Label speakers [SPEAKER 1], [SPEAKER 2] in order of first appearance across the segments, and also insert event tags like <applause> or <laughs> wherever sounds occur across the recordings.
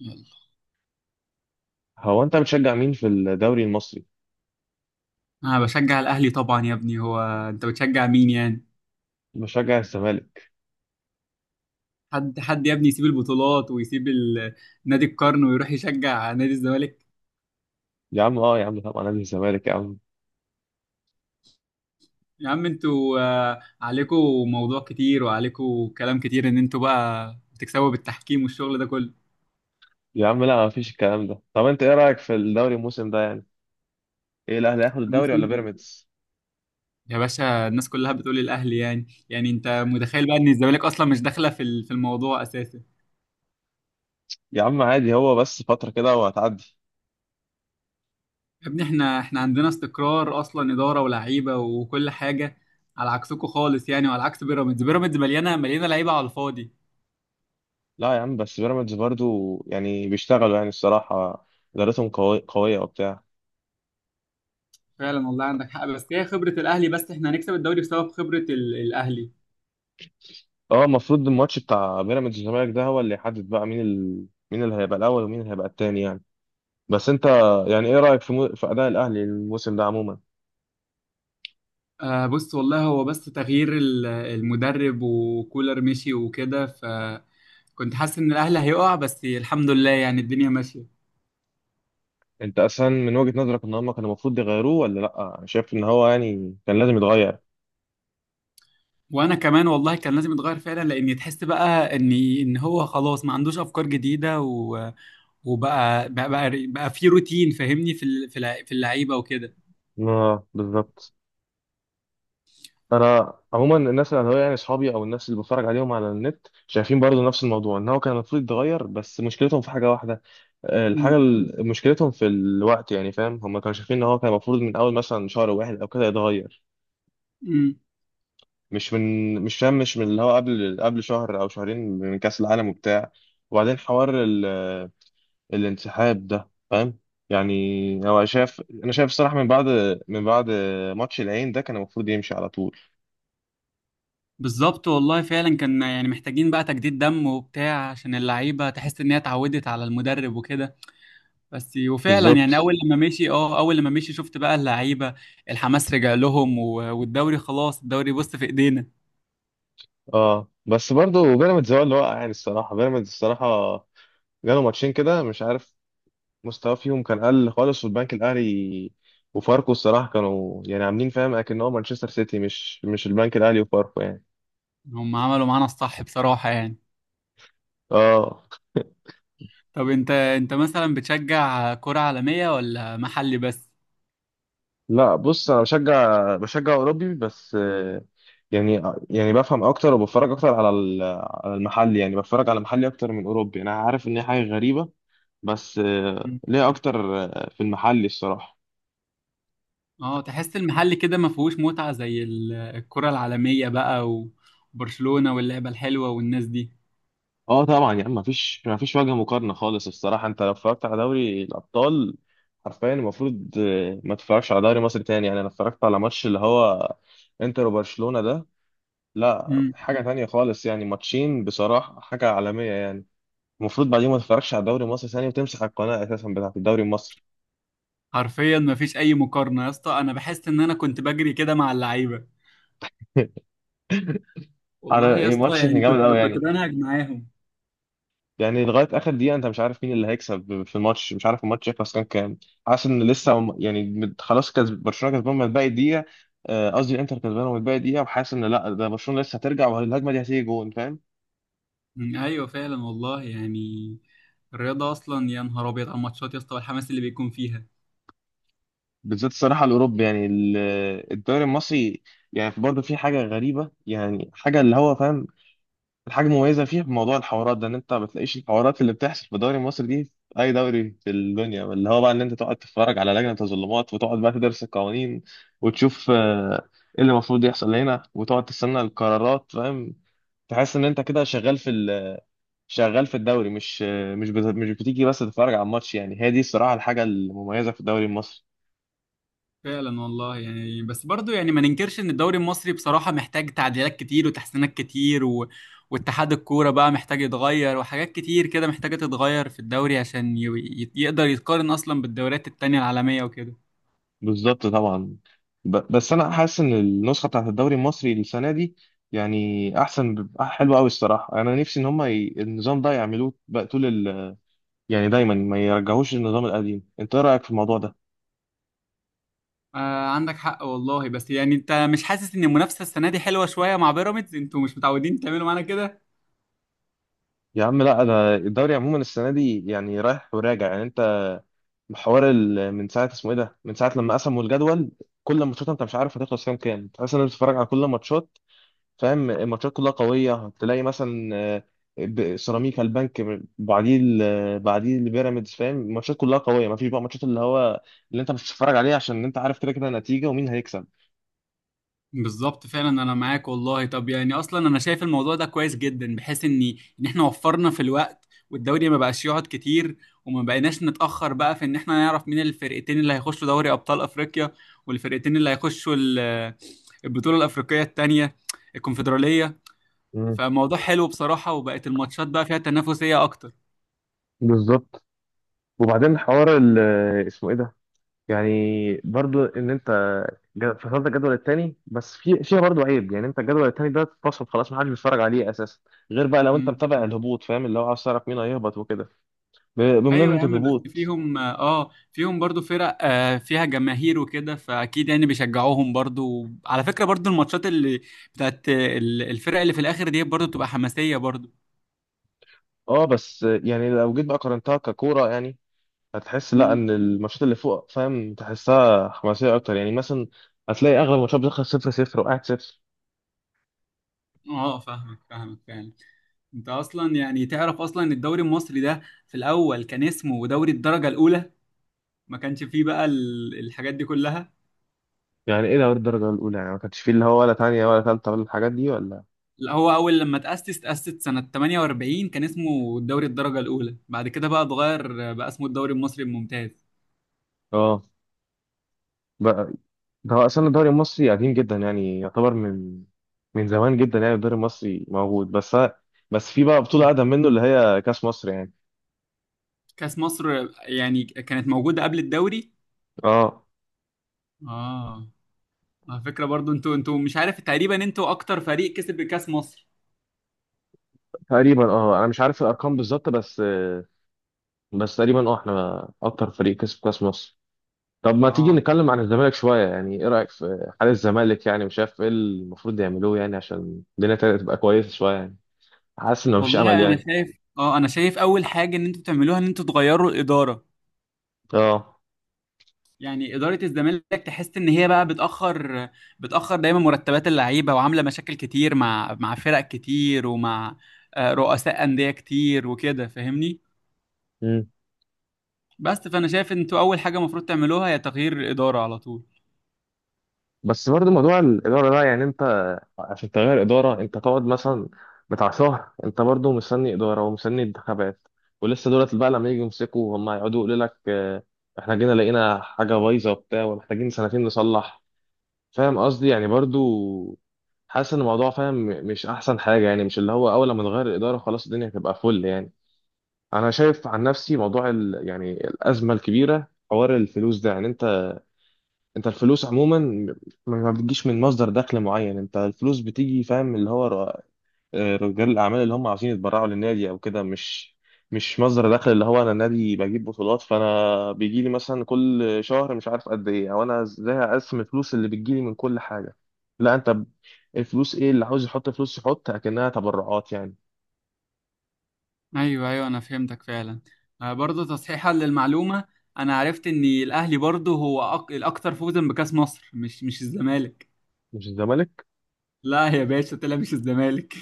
[SPEAKER 1] يلا،
[SPEAKER 2] هو انت بتشجع مين في الدوري المصري؟
[SPEAKER 1] انا بشجع الاهلي طبعا يا ابني. هو انت بتشجع مين يعني؟
[SPEAKER 2] بشجع الزمالك.
[SPEAKER 1] حد حد يا ابني يسيب البطولات ويسيب نادي القرن ويروح يشجع نادي الزمالك؟
[SPEAKER 2] يا عم اه يا عم طبعا نادي الزمالك يا عم.
[SPEAKER 1] يا عم انتوا عليكوا موضوع كتير وعليكوا كلام كتير ان انتوا بقى بتكسبوا بالتحكيم والشغل ده كله.
[SPEAKER 2] يا عم لا، مفيش الكلام ده. طب انت ايه رأيك في الدوري الموسم ده يعني؟ ايه، الاهلي هياخد الدوري ولا
[SPEAKER 1] الموسم-
[SPEAKER 2] بيراميدز؟
[SPEAKER 1] يا باشا، الناس كلها بتقول الاهلي يعني. يعني انت متخيل بقى ان الزمالك اصلا مش داخله في الموضوع اساسا.
[SPEAKER 2] يا عم عادي، هو بس فترة كده وهتعدي.
[SPEAKER 1] يا ابني احنا عندنا استقرار اصلا، اداره ولاعيبه وكل حاجه، على عكسكم خالص يعني، وعلى عكس بيراميدز. بيراميدز مليانه لعيبه على الفاضي.
[SPEAKER 2] لا يا عم، بس بيراميدز برضو يعني بيشتغلوا يعني الصراحة. ادارتهم قوية وبتاع.
[SPEAKER 1] فعلا والله عندك حق، بس هي خبره الاهلي. بس احنا هنكسب الدوري بسبب خبره الاهلي.
[SPEAKER 2] اه المفروض الماتش بتاع بيراميدز والزمالك ده هو اللي يحدد بقى مين مين اللي هيبقى الاول ومين اللي هيبقى التاني يعني. بس انت يعني ايه رأيك في في اداء الاهلي الموسم ده عموما؟
[SPEAKER 1] آه بص والله، هو بس تغيير المدرب، وكولر مشي وكده، فكنت حاسس ان الاهلي هيقع، بس الحمد لله يعني الدنيا ماشيه.
[SPEAKER 2] انت اصلا من وجهة نظرك ان هم كانوا المفروض يغيروه ولا لا؟ انا شايف ان هو يعني كان لازم يتغير.
[SPEAKER 1] وانا كمان والله كان لازم يتغير فعلا، لان تحس بقى ان ان هو خلاص ما عندوش افكار جديده، وبقى بقى بقى, بقى في روتين، فاهمني، في ال- في الع- في اللعيبه وكده.
[SPEAKER 2] اه بالظبط. انا عموما الناس اللي هو يعني اصحابي او الناس اللي بتفرج عليهم على النت شايفين برضو نفس الموضوع ان هو كان المفروض يتغير، بس مشكلتهم في حاجة واحدة.
[SPEAKER 1] امم
[SPEAKER 2] مشكلتهم في الوقت. يعني فاهم، هم كانوا شايفين ان هو كان المفروض من اول مثلا شهر واحد او كده يتغير.
[SPEAKER 1] امم
[SPEAKER 2] مش فاهم مش من اللي هو قبل شهر او شهرين من كأس العالم وبتاع. وبعدين حوار الانسحاب ده فاهم، يعني هو شايف، انا شايف الصراحه من بعد، من بعد ماتش العين ده كان المفروض يمشي على طول.
[SPEAKER 1] بالظبط والله فعلا، كان يعني محتاجين بقى تجديد دم وبتاع عشان اللعيبه تحس ان هي اتعودت على المدرب وكده بس. وفعلا يعني
[SPEAKER 2] بالظبط.
[SPEAKER 1] اول لما مشي شفت بقى اللعيبه الحماس رجع لهم. والدوري خلاص، الدوري بص في ايدينا.
[SPEAKER 2] اه بس برضه بيراميدز هو اللي وقع يعني الصراحه. بيراميدز الصراحه جاله ماتشين كده مش عارف، مستواه فيهم كان قل خالص. والبنك الاهلي وفاركو الصراحه كانوا يعني عاملين فاهم اكن هو مانشستر سيتي، مش البنك الاهلي وفاركو يعني.
[SPEAKER 1] هم عملوا معانا الصح بصراحه يعني.
[SPEAKER 2] اه
[SPEAKER 1] طب انت مثلا بتشجع كرة عالمية ولا محلي بس؟
[SPEAKER 2] لا بص، انا بشجع اوروبي بس، يعني بفهم اكتر وبتفرج اكتر على المحلي. يعني بتفرج على محلي اكتر من اوروبي. انا عارف ان هي حاجه غريبه، بس ليه اكتر في المحلي الصراحه.
[SPEAKER 1] اه تحس المحل كده ما فيهوش متعة زي الكرة العالمية بقى، وبرشلونة واللعبة الحلوة والناس دي.
[SPEAKER 2] اه طبعا يعني ما فيش وجه مقارنه خالص الصراحه. انت لو اتفرجت على دوري الابطال، حرفيا المفروض ما تتفرجش على دوري مصر تاني يعني. انا اتفرجت على ماتش اللي هو انتر وبرشلونه ده، لا
[SPEAKER 1] امم
[SPEAKER 2] حاجه تانية خالص يعني. ماتشين بصراحه، حاجه عالميه يعني. المفروض بعدين ما تتفرجش على الدوري المصري ثاني وتمسح القناه اساسا بتاعت الدوري المصري.
[SPEAKER 1] حرفيا ما فيش اي مقارنة يا اسطى، انا بحس ان انا كنت بجري كده مع اللعيبة.
[SPEAKER 2] <laughs>
[SPEAKER 1] والله
[SPEAKER 2] على
[SPEAKER 1] يا
[SPEAKER 2] إيه،
[SPEAKER 1] اسطى
[SPEAKER 2] ماتش كان
[SPEAKER 1] يعني
[SPEAKER 2] جامد قوي
[SPEAKER 1] كنت
[SPEAKER 2] يعني.
[SPEAKER 1] بنهج معاهم.
[SPEAKER 2] يعني لغايه اخر دقيقه انت مش عارف مين اللي هيكسب في الماتش، مش عارف الماتش يخلص كام كام. حاسس ان لسه يعني خلاص كسب برشلونه، كسبان من باقي دقيقه. قصدي الانتر كسبان من باقي دقيقه، وحاسس ان لا، ده برشلونه لسه هترجع والهجمه دي هتيجي جون فاهم.
[SPEAKER 1] مم، ايوه فعلا والله يعني. الرياضة اصلا يا نهار ابيض على الماتشات يا اسطى والحماس اللي بيكون فيها.
[SPEAKER 2] بالذات الصراحه الاوروبي يعني الدوري المصري يعني برضه في حاجه غريبه. يعني حاجه اللي هو فاهم الحاجة المميزة فيها بموضوع الحوارات ده، ان انت ما بتلاقيش الحوارات اللي بتحصل في الدوري المصري دي في اي دوري في الدنيا. اللي هو بقى ان انت تقعد تتفرج على لجنة تظلمات، وتقعد بقى تدرس القوانين وتشوف ايه اللي المفروض يحصل هنا، وتقعد تستنى القرارات فاهم. تحس ان انت كده شغال شغال في الدوري، مش آه، مش بت- مش بتيجي بس تتفرج على الماتش. يعني هي دي الصراحة الحاجة المميزة في الدوري المصري.
[SPEAKER 1] فعلا والله يعني. بس برضو يعني ما ننكرش ان الدوري المصري بصراحة محتاج تعديلات كتير وتحسينات كتير، و... واتحاد الكورة بقى محتاج يتغير، وحاجات كتير كده محتاجة تتغير في الدوري عشان يقدر يتقارن اصلا بالدوريات التانية العالمية وكده.
[SPEAKER 2] بالظبط طبعا. بس انا حاسس ان النسخه بتاعت الدوري المصري السنه دي يعني احسن، حلوه قوي الصراحه. انا نفسي ان هم النظام ده يعملوه بقى طول يعني دايما ما يرجعوش للنظام القديم. انت ايه رايك في الموضوع ده؟
[SPEAKER 1] آه عندك حق والله، بس يعني انت مش حاسس ان المنافسة السنة دي حلوة شوية مع بيراميدز؟ انتوا مش متعودين تعملوا معانا كده.
[SPEAKER 2] يا عم لا، انا الدوري عموما السنه دي يعني رايح وراجع يعني. انت حوار من ساعه اسمه ايه ده، من ساعه لما قسموا الجدول، كل ماتشات انت مش عارف هتخلص كام كام. تحس ان انت بتتفرج على كل الماتشات فاهم، الماتشات كلها قوية. تلاقي مثلا سيراميكا البنك، بعديه البيراميدز فاهم. الماتشات كلها قوية، مفيش بقى ماتشات اللي هو اللي انت مش بتتفرج عليه عشان انت عارف كده كده النتيجة ومين هيكسب.
[SPEAKER 1] بالظبط فعلا انا معاك والله. طب يعني اصلا انا شايف الموضوع ده كويس جدا، بحيث ان ان احنا وفرنا في الوقت، والدوري ما بقاش يقعد كتير، وما بقيناش نتاخر بقى في ان احنا نعرف مين الفرقتين اللي هيخشوا دوري ابطال افريقيا، والفرقتين اللي هيخشوا البطوله الافريقيه التانيه، الكونفدراليه.
[SPEAKER 2] مم.
[SPEAKER 1] فموضوع حلو بصراحه، وبقت الماتشات بقى فيها تنافسيه اكتر.
[SPEAKER 2] بالظبط. وبعدين حوار اسمه ايه ده يعني، برضو ان انت فصلت الجدول الثاني، بس في فيها برضو عيب يعني. انت الجدول الثاني ده اتفصل خلاص محدش بيتفرج عليه اساسا، غير بقى لو انت متابع الهبوط فاهم اللي هو عاوز تعرف مين هيهبط وكده.
[SPEAKER 1] ايوه يا
[SPEAKER 2] بمناسبة
[SPEAKER 1] عم، بس
[SPEAKER 2] الهبوط،
[SPEAKER 1] فيهم اه فيهم برضو فرق آه فيها جماهير وكده، فاكيد يعني بيشجعوهم برضو على فكره. برضو الماتشات اللي بتاعت الفرق اللي في الاخر دي برضو بتبقى حماسيه برضو.
[SPEAKER 2] اه بس يعني لو جيت بقى قارنتها ككوره يعني، هتحس لا
[SPEAKER 1] مم.
[SPEAKER 2] ان الماتشات اللي فوق فاهم تحسها حماسيه اكتر يعني. مثلا هتلاقي اغلب الماتشات بتخلص صفر صفر وقاعد صفر.
[SPEAKER 1] اه فاهمك فعلا. انت اصلا يعني تعرف اصلا إن الدوري المصري ده في الاول كان اسمه دوري الدرجه الاولى، ما كانش فيه الحاجات دي كلها.
[SPEAKER 2] يعني ايه ده الدرجه الاولى؟ يعني ما كانش فيه اللي هو ولا تانية ولا تالتة ولا الحاجات دي ولا؟
[SPEAKER 1] لا هو اول لما تاسس سنه 48 كان اسمه دوري الدرجه الاولى، بعد كده بقى اتغير بقى اسمه الدوري المصري الممتاز.
[SPEAKER 2] اه بقى، ده هو اصلا الدوري المصري قديم جدا. يعني يعتبر من زمان جدا يعني، الدوري المصري موجود. بس في بقى بطوله اقدم منه اللي هي كاس مصر يعني.
[SPEAKER 1] كأس مصر يعني كانت موجودة قبل الدوري،
[SPEAKER 2] اه
[SPEAKER 1] اه. على فكرة برضو، انتوا مش عارف تقريبا انتوا اكتر فريق كسب كأس مصر.
[SPEAKER 2] تقريبا، اه انا مش عارف الارقام بالظبط بس. بس تقريبا اه احنا اكتر فريق كسب كاس مصر. طب ما تيجي
[SPEAKER 1] اه
[SPEAKER 2] نتكلم عن الزمالك شوية؟ يعني ايه رأيك في حال الزمالك؟ يعني مش عارف ايه المفروض يعملوه يعني عشان الدنيا تبقى كويسة شوية يعني. حاسس انه مفيش امل
[SPEAKER 1] والله انا
[SPEAKER 2] يعني.
[SPEAKER 1] شايف، انا شايف اول حاجة ان انتوا تعملوها ان انتوا تغيروا الإدارة.
[SPEAKER 2] اه.
[SPEAKER 1] يعني إدارة الزمالك تحس ان هي بقى بتأخر دايما مرتبات اللعيبة، وعاملة مشاكل كتير مع مع فرق كتير، ومع رؤساء أندية كتير وكده فاهمني.
[SPEAKER 2] مم.
[SPEAKER 1] بس فانا شايف ان انتوا اول حاجة المفروض تعملوها هي تغيير الإدارة على طول.
[SPEAKER 2] بس برضه موضوع الإدارة ده يعني انت عشان تغير إدارة انت تقعد مثلا بتاع شهر، انت برضه مستني إدارة ومستني انتخابات. ولسه دولت بقى لما يجوا يمسكوا هم هيقعدوا يقولوا لك احنا جينا لقينا حاجة بايظة وبتاع ومحتاجين سنتين نصلح. فاهم قصدي، يعني برضو حاسس ان الموضوع فاهم مش احسن حاجه يعني، مش اللي هو اول ما نغير الاداره خلاص الدنيا هتبقى فل يعني. انا شايف عن نفسي موضوع يعني الازمه الكبيره حوار الفلوس ده، يعني انت الفلوس عموما ما بتجيش من مصدر دخل معين. انت الفلوس بتيجي فاهم اللي هو رجال الاعمال اللي هم عاوزين يتبرعوا للنادي او كده، مش مصدر دخل اللي هو انا نادي بجيب بطولات فانا بيجي لي مثلا كل شهر مش عارف قد ايه، او انا ازاي اقسم الفلوس اللي بتجي لي من كل حاجه. لا انت الفلوس ايه اللي عاوز يحط فلوس يحط اكنها تبرعات يعني.
[SPEAKER 1] ايوه ايوه انا فهمتك فعلا. برضه تصحيحا للمعلومه، انا عرفت ان الاهلي برضه هو الاكثر فوزا بكاس مصر، مش مش الزمالك.
[SPEAKER 2] مش الزمالك
[SPEAKER 1] لا يا باشا، طلع مش الزمالك.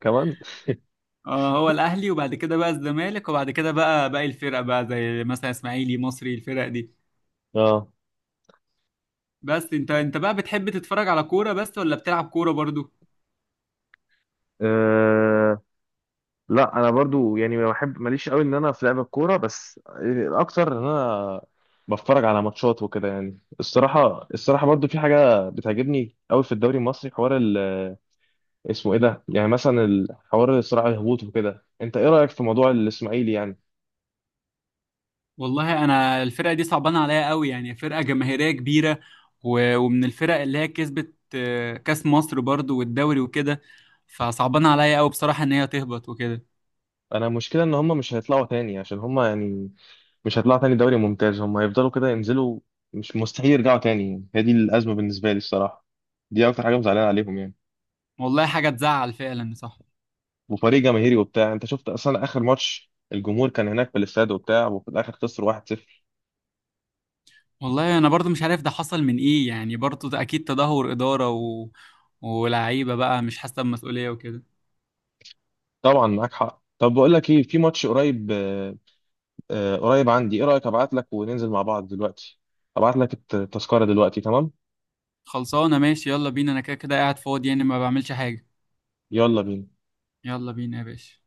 [SPEAKER 2] كمان
[SPEAKER 1] اه هو الاهلي، وبعد كده بقى الزمالك، وبعد كده بقى باقي الفرق بقى زي مثلا اسماعيلي، مصري، الفرق دي.
[SPEAKER 2] اه.
[SPEAKER 1] بس انت بقى بتحب تتفرج على كوره بس ولا بتلعب كوره برضه؟
[SPEAKER 2] آه، لا انا برضو يعني ما بحب ماليش قوي ان انا في لعب الكوره، بس الاكتر ان انا بتفرج على ماتشات وكده يعني الصراحه. الصراحه برضو في حاجه بتعجبني قوي في الدوري المصري، حوار اسمه ايه ده يعني، مثلا حوار الصراع الهبوط وكده. انت ايه رايك في موضوع الاسماعيلي يعني؟
[SPEAKER 1] والله انا الفرقه دي صعبانه عليا قوي، يعني فرقه جماهيريه كبيره، و- ومن الفرق اللي هي كسبت كاس مصر برضو والدوري وكده، فصعبانه عليا قوي بصراحه ان هي تهبط وكده.
[SPEAKER 2] انا مشكله ان هم مش هيطلعوا تاني عشان هم يعني مش هيطلعوا تاني دوري ممتاز. هم هيفضلوا كده ينزلوا، مش مستحيل يرجعوا تاني. هي دي الازمه بالنسبه لي الصراحه، دي اكتر حاجه مزعلانه عليهم يعني.
[SPEAKER 1] والله حاجه تزعل فعلا، صح.
[SPEAKER 2] وفريق جماهيري وبتاع. انت شفت اصلا اخر ماتش الجمهور كان هناك في الاستاد وبتاع، وفي الاخر خسر 1-0.
[SPEAKER 1] والله انا برضو مش عارف ده حصل من ايه يعني، برضو ده اكيد تدهور اداره، و... ولاعيبه بقى مش حاسه بمسؤوليه وكده.
[SPEAKER 2] طبعا معاك حق. طب بقول لك ايه، في ماتش قريب قريب عندي. ايه رايك ابعت لك وننزل مع بعض دلوقتي؟ ابعت لك الت- التذكره دلوقتي تمام؟
[SPEAKER 1] خلصانه ماشي، يلا بينا، انا كده كده قاعد فاضي يعني ما بعملش حاجه.
[SPEAKER 2] يلا بينا.
[SPEAKER 1] يلا بينا يا باشا.